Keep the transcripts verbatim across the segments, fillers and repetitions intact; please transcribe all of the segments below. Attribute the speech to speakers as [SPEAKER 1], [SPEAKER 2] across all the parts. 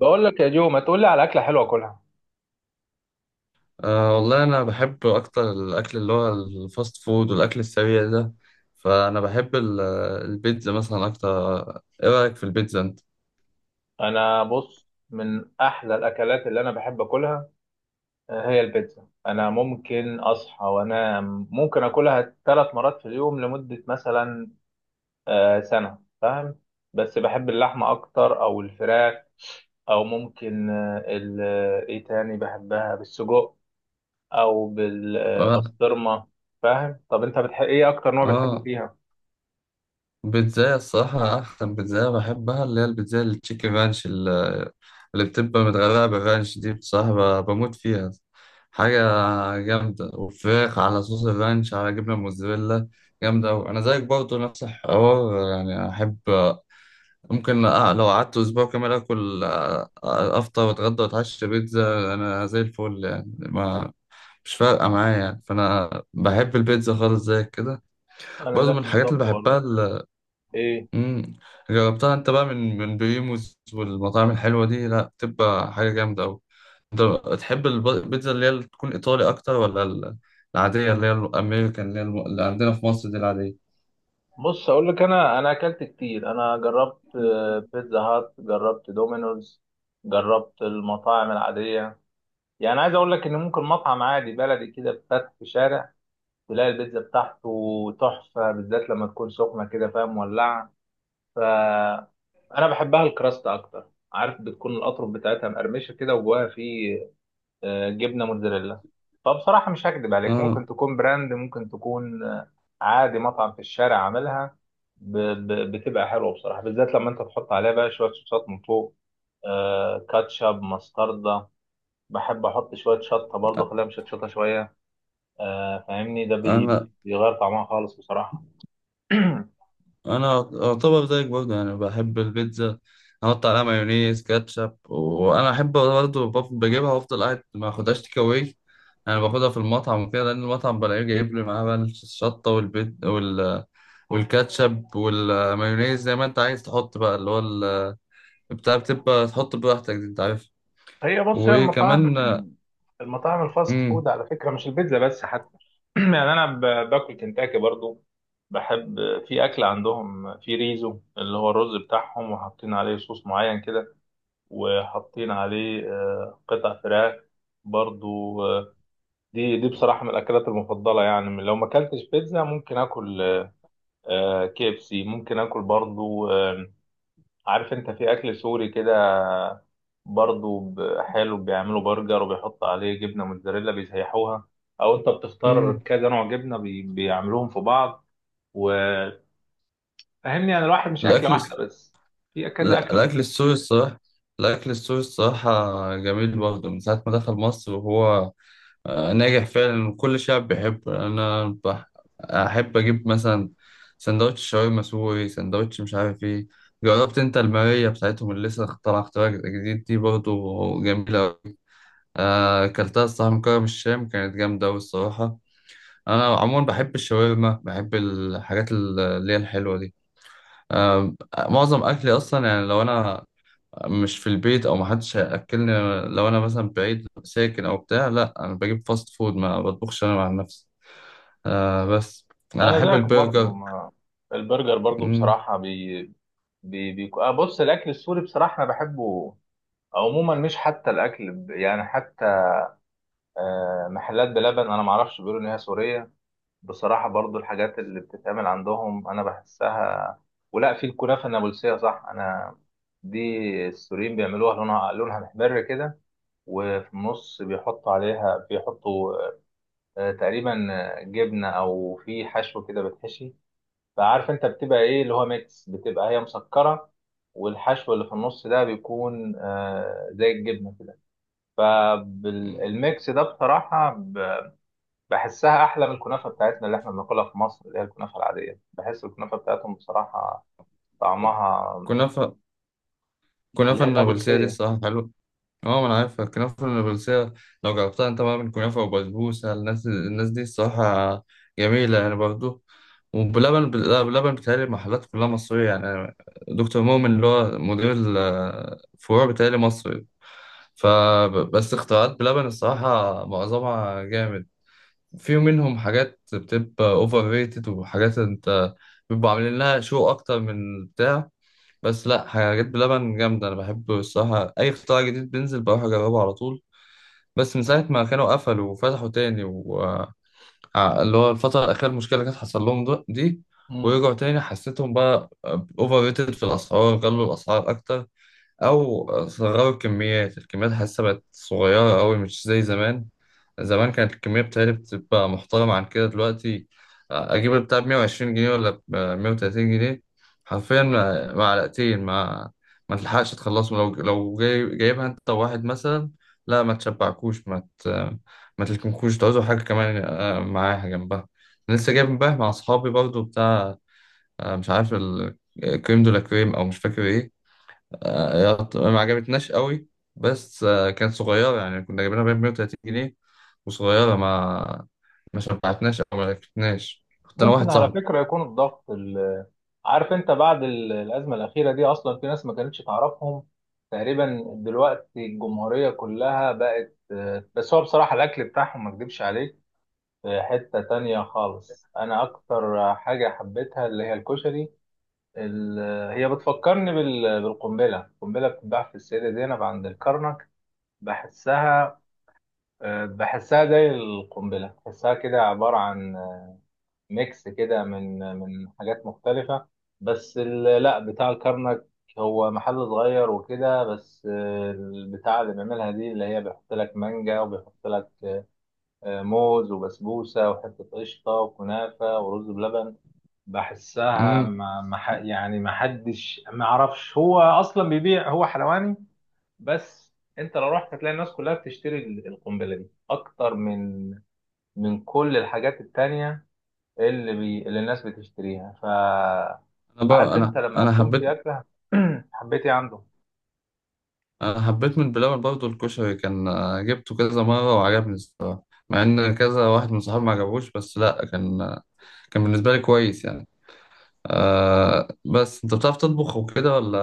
[SPEAKER 1] بقول لك يا جو، ما تقول لي على اكله حلوه اكلها.
[SPEAKER 2] أه والله أنا بحب أكتر الأكل اللي هو الفاست فود والأكل السريع ده. فأنا بحب ال- البيتزا مثلا أكتر. إيه رأيك في البيتزا أنت؟
[SPEAKER 1] انا بص، من احلى الاكلات اللي انا بحب اكلها، آه، هي البيتزا. انا ممكن اصحى وانا ممكن اكلها ثلاث مرات في اليوم، لمده مثلا آه، سنه، فاهم؟ بس بحب اللحمه اكتر او الفراخ، او ممكن آه، ال- آه، ايه تاني، بحبها بالسجق او
[SPEAKER 2] آه
[SPEAKER 1] بالبسطرمه. فاهم؟ طب انت بتحب ايه؟ اكتر نوع بتحبه
[SPEAKER 2] آه،
[SPEAKER 1] فيها؟
[SPEAKER 2] بيتزاية الصراحة أحسن بيتزاية بحبها اللي هي البيتزاية التشيكن رانش ال- اللي بتبقى متغرقة بالرانش دي بصراحة ب- بموت فيها. حاجة جامدة وفراخ على صوص الرانش على جبنة موزاريلا جامدة أوي. أنا زيك برضه نفس الحوار، يعني أحب. ممكن أ- لو قعدت اسبوع كامل اكل أ- أ- افطر واتغدى واتعشى بيتزا انا زي الفل، يعني ما مش فارقه معايا، يعني فانا بحب البيتزا خالص زي كده.
[SPEAKER 1] انا
[SPEAKER 2] برضه من
[SPEAKER 1] ذاك
[SPEAKER 2] الحاجات
[SPEAKER 1] بالظبط
[SPEAKER 2] اللي بحبها
[SPEAKER 1] برضه.
[SPEAKER 2] ال-
[SPEAKER 1] ايه،
[SPEAKER 2] مم. جربتها انت بقى من من بريموز والمطاعم الحلوه دي؟ لا بتبقى حاجه جامده قوي. انت تحب الب- البيتزا اللي هي اللي تكون ايطالي اكتر ولا ال- العاديه اللي هي الامريكان اللي هي الم- اللي عندنا في مصر دي العاديه؟
[SPEAKER 1] بص اقول لك، انا انا اكلت كتير. انا جربت آه، بيتزا هات، جربت دومينوز، جربت المطاعم العاديه. يعني عايز اقول لك ان ممكن مطعم عادي بلدي كده فتح في شارع، تلاقي البيتزا بتاعته تحفه، بالذات لما تكون سخنه كده، فاهم؟ مولعه. ف انا بحبها الكراست اكتر، عارف بتكون الاطراف بتاعتها مقرمشه كده، وجواها فيه آه، جبنه موتزاريلا. فبصراحه مش هكدب عليك،
[SPEAKER 2] اه،
[SPEAKER 1] ممكن تكون براند، ممكن تكون آه، عادي مطعم في الشارع عاملها ب- ب- بتبقى حلوه بصراحه، بالذات لما انت تحط عليها بقى شويه صوصات من فوق، آه، كاتشب، مستردة. بحب احط شويه شطه برضه، اخليها مشطشطه شويه، آه، فاهمني؟ ده بي-
[SPEAKER 2] انا
[SPEAKER 1] بيغير طعمها خالص بصراحه.
[SPEAKER 2] انا اعتبر زيك برضه، يعني بحب البيتزا، احط عليها مايونيز كاتشب. وانا احب برضه بف- بجيبها وافضل قاعد ما اخدهاش تيك اواي. انا باخدها في المطعم وكده، لان المطعم بلاقيه جايب لي معاه بقى الشطه والبيت وال والكاتشب والمايونيز زي ما انت عايز تحط بقى اللي هو ال- بتاع بتبقى تحط براحتك دي، انت عارف.
[SPEAKER 1] هي بص، هي المطاعم
[SPEAKER 2] وكمان
[SPEAKER 1] المطاعم الفاست
[SPEAKER 2] امم.
[SPEAKER 1] فود على فكرة، مش البيتزا بس حتى. يعني أنا ب- باكل كنتاكي برضو. بحب في أكل عندهم في ريزو، اللي هو الرز بتاعهم، وحاطين عليه صوص معين كده، وحاطين عليه آه، قطع فراخ برضو. آه، دي دي بصراحة من الأكلات المفضلة. يعني لو ما أكلتش بيتزا، ممكن آكل آه، كي إف سي، ممكن آكل برضو. آه، عارف أنت في أكل سوري كده برضو، ب- حلو، بيعملوا برجر وبيحط عليه جبنة موتزاريلا، بيسيحوها، أو أنت بتختار
[SPEAKER 2] امم.
[SPEAKER 1] كذا نوع جبنة، بي... بيعملوهم في بعض. وفهمني، أنا الواحد مش أكلة
[SPEAKER 2] الاكل
[SPEAKER 1] واحدة
[SPEAKER 2] الس-
[SPEAKER 1] بس، في كذا
[SPEAKER 2] لا،
[SPEAKER 1] أكلة
[SPEAKER 2] الاكل
[SPEAKER 1] ممكن.
[SPEAKER 2] السوري الصراحه، الاكل السوري الصراحه جميل برضه. من ساعه ما دخل مصر وهو آه، ناجح فعلا وكل شعب بيحبه. انا بح... احب اجيب مثلا سندوتش شاورما سوري، سندوتش مش عارف ايه. جربت انت الماريه بتاعتهم اللي لسه طالعه اختراع جديد دي؟ برضه جميله أوي. آه، اكلتها الصراحه من كرم الشام، كانت جامده أوي الصراحه. انا عموما بحب الشاورما، بحب الحاجات اللي هي الحلوه دي. آه، معظم اكلي اصلا، يعني لو انا مش في البيت او محدش هياكلني، لو انا مثلا بعيد ساكن او بتاع، لا انا بجيب فاست فود، ما بطبخش انا مع نفسي. آه بس أنا
[SPEAKER 1] أنا
[SPEAKER 2] أحب
[SPEAKER 1] زيك برضو،
[SPEAKER 2] البرجر.
[SPEAKER 1] ما البرجر برضو
[SPEAKER 2] مم.
[SPEAKER 1] بصراحة بي... بي... بي... آه بص، الأكل السوري بصراحة أنا بحبه عموما، مش حتى الأكل ب- يعني حتى آه، محلات بلبن، أنا معرفش، بيقولوا إن هي سورية. بصراحة برضو الحاجات اللي بتتعمل عندهم أنا بحسها، ولا في الكنافة النابلسية، صح؟ أنا دي السوريين بيعملوها، لونها لونها محمر كده، وفي النص بيحطوا عليها، بيحطوا آه، تقريبا آه، جبنة أو في حشو كده بتحشي. فعارف أنت بتبقى إيه؟ اللي هو ميكس، بتبقى هي مسكرة، والحشو اللي في النص ده بيكون آه، زي الجبنة كده.
[SPEAKER 2] مم.
[SPEAKER 1] فالميكس ده بصراحة بحسها احلى من الكنافه بتاعتنا اللي احنا بناكلها في مصر، اللي هي الكنافه العاديه. بحس الكنافه بتاعتهم بصراحه طعمها،
[SPEAKER 2] كنافة.
[SPEAKER 1] اللي
[SPEAKER 2] كنافة
[SPEAKER 1] هي
[SPEAKER 2] النابلسية دي
[SPEAKER 1] النابلسيه.
[SPEAKER 2] الصراحة حلوة. اه، ما أنا عارفها الكنافة النابلسية. لو جربتها أنت بقى من كنافة وبسبوسة، الناس الناس دي الصراحة جميلة يعني برضه. وبلبن بل- لا، بلبن بتهيألي المحلات كلها مصرية يعني. دكتور مؤمن اللي هو مدير الفروع بتهيألي مصري. فبس اختراعات بلبن الصراحة معظمها جامد. في منهم حاجات بتبقى اوفر ريتد وحاجات انت بيبقوا عاملين لها شو اكتر من البتاع. بس لا، حاجات بلبن جامده، انا بحب الصراحه اي اختراع جديد بينزل بروح اجربه على طول. بس من ساعه ما كانوا قفلوا وفتحوا تاني و... ع- اللي هو الفتره الاخيره المشكله اللي كانت حصل لهم ده- دي،
[SPEAKER 1] مم.
[SPEAKER 2] ورجعوا تاني حسيتهم بقى اوفر ريتد في الاسعار، غلوا الاسعار اكتر او صغروا الكميات. الكميات حاسه بقت صغيره قوي مش زي زمان. زمان كانت الكمية بتاعتي بتبقى محترمة عن كده دلوقتي. أجيب البتاع بمية وعشرين جنيه ولا بمية وتلاتين جنيه حرفيا مع- معلقتين، ما ما تلحقش تخلصهم. لو لو جاي جايبها أنت واحد مثلا، لا ما تشبعكوش، ما ت... ما تلكمكوش، تعوزوا حاجة كمان آه، معاها جنبها. أنا لسه جايب امبارح مع أصحابي برضو بتاع، آه، مش عارف الكريم دولا كريم أو مش فاكر إيه. آه، يط- ما عجبتناش قوي. بس آه، كانت صغيرة يعني، كنا جايبينها ب مية وتلاتين جنيه وصغيرة، ما ما شبعتناش أو ما عرفتناش، كنت أنا
[SPEAKER 1] ممكن
[SPEAKER 2] واحد
[SPEAKER 1] على
[SPEAKER 2] صاحبي.
[SPEAKER 1] فكره يكون الضغط ال- عارف انت بعد ال- الازمه الاخيره دي، اصلا في ناس ما كانتش تعرفهم، تقريبا دلوقتي الجمهوريه كلها بقت آه، بس هو بصراحه الاكل بتاعهم، ما اكدبش عليك، في حته تانية خالص. انا اكتر حاجه حبيتها اللي هي الكشري. ال- هي بتفكرني بال- بالقنبلة. القنبلة بتتباع في السيدة زينب عند الكرنك. بحسها آه، بحسها زي القنبلة، بحسها كده عبارة عن آه، ميكس كده من من حاجات مختلفة. بس ال- لا، بتاع الكرنك هو محل صغير وكده بس، آه، البتاع اللي بيعملها دي اللي هي، بيحط لك مانجا، وبيحط لك آه، موز، وبسبوسة، وحتة قشطة، وكنافة، ورز بلبن. بحسها،
[SPEAKER 2] أمم.
[SPEAKER 1] ما ما ح- يعني ما حدش، ما اعرفش هو اصلا بيبيع، هو حلواني، بس انت لو رحت هتلاقي الناس كلها بتشتري ال- القنبله دي اكتر من من كل الحاجات التانية اللي بي اللي الناس بتشتريها. ف
[SPEAKER 2] أنا بقى
[SPEAKER 1] عارف انت
[SPEAKER 2] أنا
[SPEAKER 1] لما
[SPEAKER 2] أنا
[SPEAKER 1] تكون في
[SPEAKER 2] حبيت.
[SPEAKER 1] اكله. حبيتي عنده.
[SPEAKER 2] أنا حبيت من بلبن برضه الكشري، كان آه، جبته كذا مرة وعجبني الصراحة، مع إن كذا واحد من صحابي ما عجبوش، بس لأ كان آه، كان بالنسبة لي كويس يعني. آه بس أنت بتعرف تطبخ وكده ولا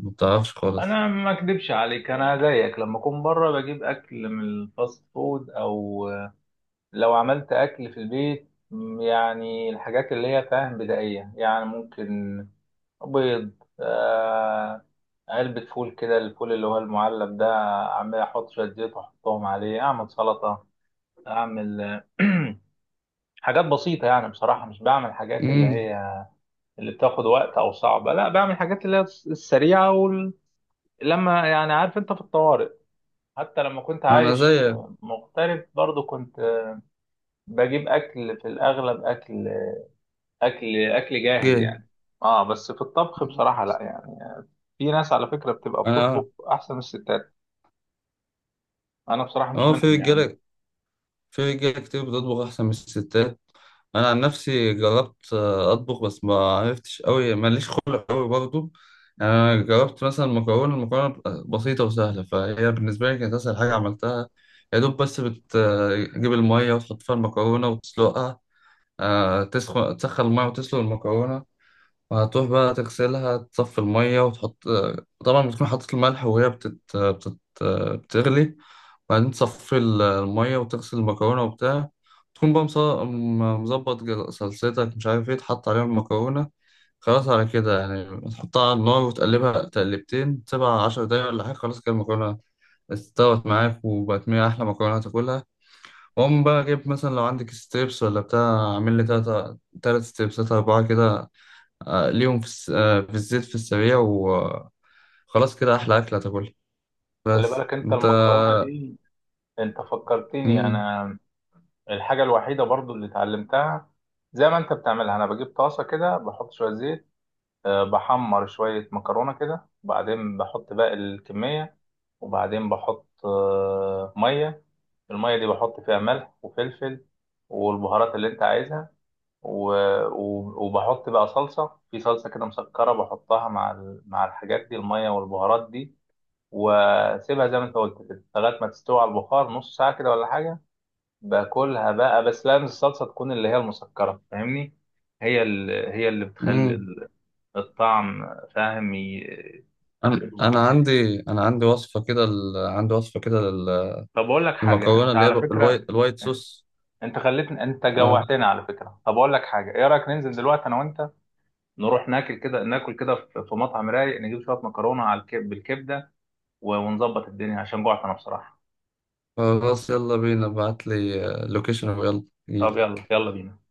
[SPEAKER 2] ما بتعرفش خالص؟
[SPEAKER 1] انا ما اكدبش عليك، انا زيك لما اكون بره بجيب اكل من الفاست فود، او لو عملت أكل في البيت م، يعني الحاجات اللي هي، فاهم، بدائية، يعني ممكن بيض، آه، علبة فول كده، الفول اللي هو المعلب ده، أعمل أحط شوية زيت وأحطهم عليه، أعمل سلطة، أعمل آه، حاجات بسيطة يعني. بصراحة مش بعمل حاجات اللي
[SPEAKER 2] أمم.
[SPEAKER 1] هي اللي بتاخد وقت أو صعبة، لا، بعمل حاجات اللي هي الس- السريعة. وال... لما يعني عارف أنت في الطوارئ، حتى لما كنت
[SPEAKER 2] أنا
[SPEAKER 1] عايش
[SPEAKER 2] زيك.
[SPEAKER 1] مغترب برضو، كنت بجيب أكل، في الأغلب أكل اكل اكل جاهز
[SPEAKER 2] جه.
[SPEAKER 1] يعني. اه، بس في الطبخ بصراحه لا يعني، في ناس على فكره بتبقى
[SPEAKER 2] أنا
[SPEAKER 1] بتطبخ احسن من الستات، انا بصراحه مش
[SPEAKER 2] اه في
[SPEAKER 1] منهم يعني.
[SPEAKER 2] رجاله، في رجاله كتير بتطبخ احسن من الستات. انا عن نفسي جربت آه، اطبخ بس ما عرفتش قوي، ماليش خلق قوي برضو. يعني انا جربت مثلا مكرونه، المكرونه بتبقى بسيطه وسهله، فهي بالنسبه لي كانت اسهل حاجه عملتها. يا دوب بس بتجيب الميه وتحط فيها المكرونه وتسلقها. آه، تسخن تسخن الميه وتسلق المكرونه، وهتروح بقى تغسلها، تصفي الميه وتحط آه، طبعا بتكون حاطط الملح وهي بتت... بتت... بتغلي. بعدين تصفي ال- المية وتغسل المكرونة وبتاع، تكون بقى مص- م- مظبط جل- صلصتك مش عارف ايه تحط عليها المكرونة. خلاص على كده يعني، تحطها على النار وتقلبها تقلبتين، تسيبها عشر دقايق ولا حاجة، خلاص كده المكرونة استوت معاك وبقت من أحلى مكرونة هتاكلها. وأقوم بقى جايب مثلا لو عندك ستريبس ولا بتاع، أعمل لي تلاتة تلات ستريبسات أربعة كده، آه، ليهم في, الس... آه، في الزيت في السريع وخلاص كده أحلى أكلة هتاكلها.
[SPEAKER 1] خلي
[SPEAKER 2] بس
[SPEAKER 1] بالك انت
[SPEAKER 2] أنت
[SPEAKER 1] المكرونه دي، انت فكرتني
[SPEAKER 2] مم.
[SPEAKER 1] انا الحاجه الوحيده برضو اللي اتعلمتها. زي ما انت بتعملها، انا بجيب طاسه كده، بحط شويه زيت، آه، بحمر شويه مكرونه كده، وبعدين بحط باقي الكميه، وبعدين بحط آه، ميه. الميه دي بحط فيها ملح وفلفل والبهارات اللي انت عايزها، و... و... وبحط بقى صلصة، في صلصة كده مسكرة، بحطها مع ال... مع الحاجات دي، المية والبهارات دي، واسيبها زي ما انت قلت كده لغاية ما تستوي على البخار، نص ساعة كده ولا حاجة. باكلها بقى. بس لازم الصلصة تكون اللي هي المسكرة، فاهمني؟ هي اللي، هي اللي بتخلي
[SPEAKER 2] مم.
[SPEAKER 1] ال- الطعم، فاهم؟ ي-
[SPEAKER 2] انا
[SPEAKER 1] يظبط
[SPEAKER 2] انا
[SPEAKER 1] الدنيا.
[SPEAKER 2] عندي، انا عندي وصفه كده ال... عندي وصفه كده لل-
[SPEAKER 1] طب اقول لك حاجة،
[SPEAKER 2] للمكرونه
[SPEAKER 1] انت
[SPEAKER 2] اللي هي
[SPEAKER 1] على
[SPEAKER 2] ب- الواي...
[SPEAKER 1] فكرة
[SPEAKER 2] الوايت صوص.
[SPEAKER 1] انت خليتني، انت
[SPEAKER 2] اه
[SPEAKER 1] جوعتني على فكرة. طب اقول لك حاجة، ايه رأيك ننزل دلوقتي انا وانت، نروح ناكل كده، ناكل كده في في مطعم رايق، نجيب شويه مكرونه على الكب بالكبده، و- ونظبط الدنيا، عشان جوعت انا بصراحه.
[SPEAKER 2] خلاص يلا بينا، ابعت لي لوكيشن
[SPEAKER 1] طب
[SPEAKER 2] ويلا.
[SPEAKER 1] يلا، يلا بينا.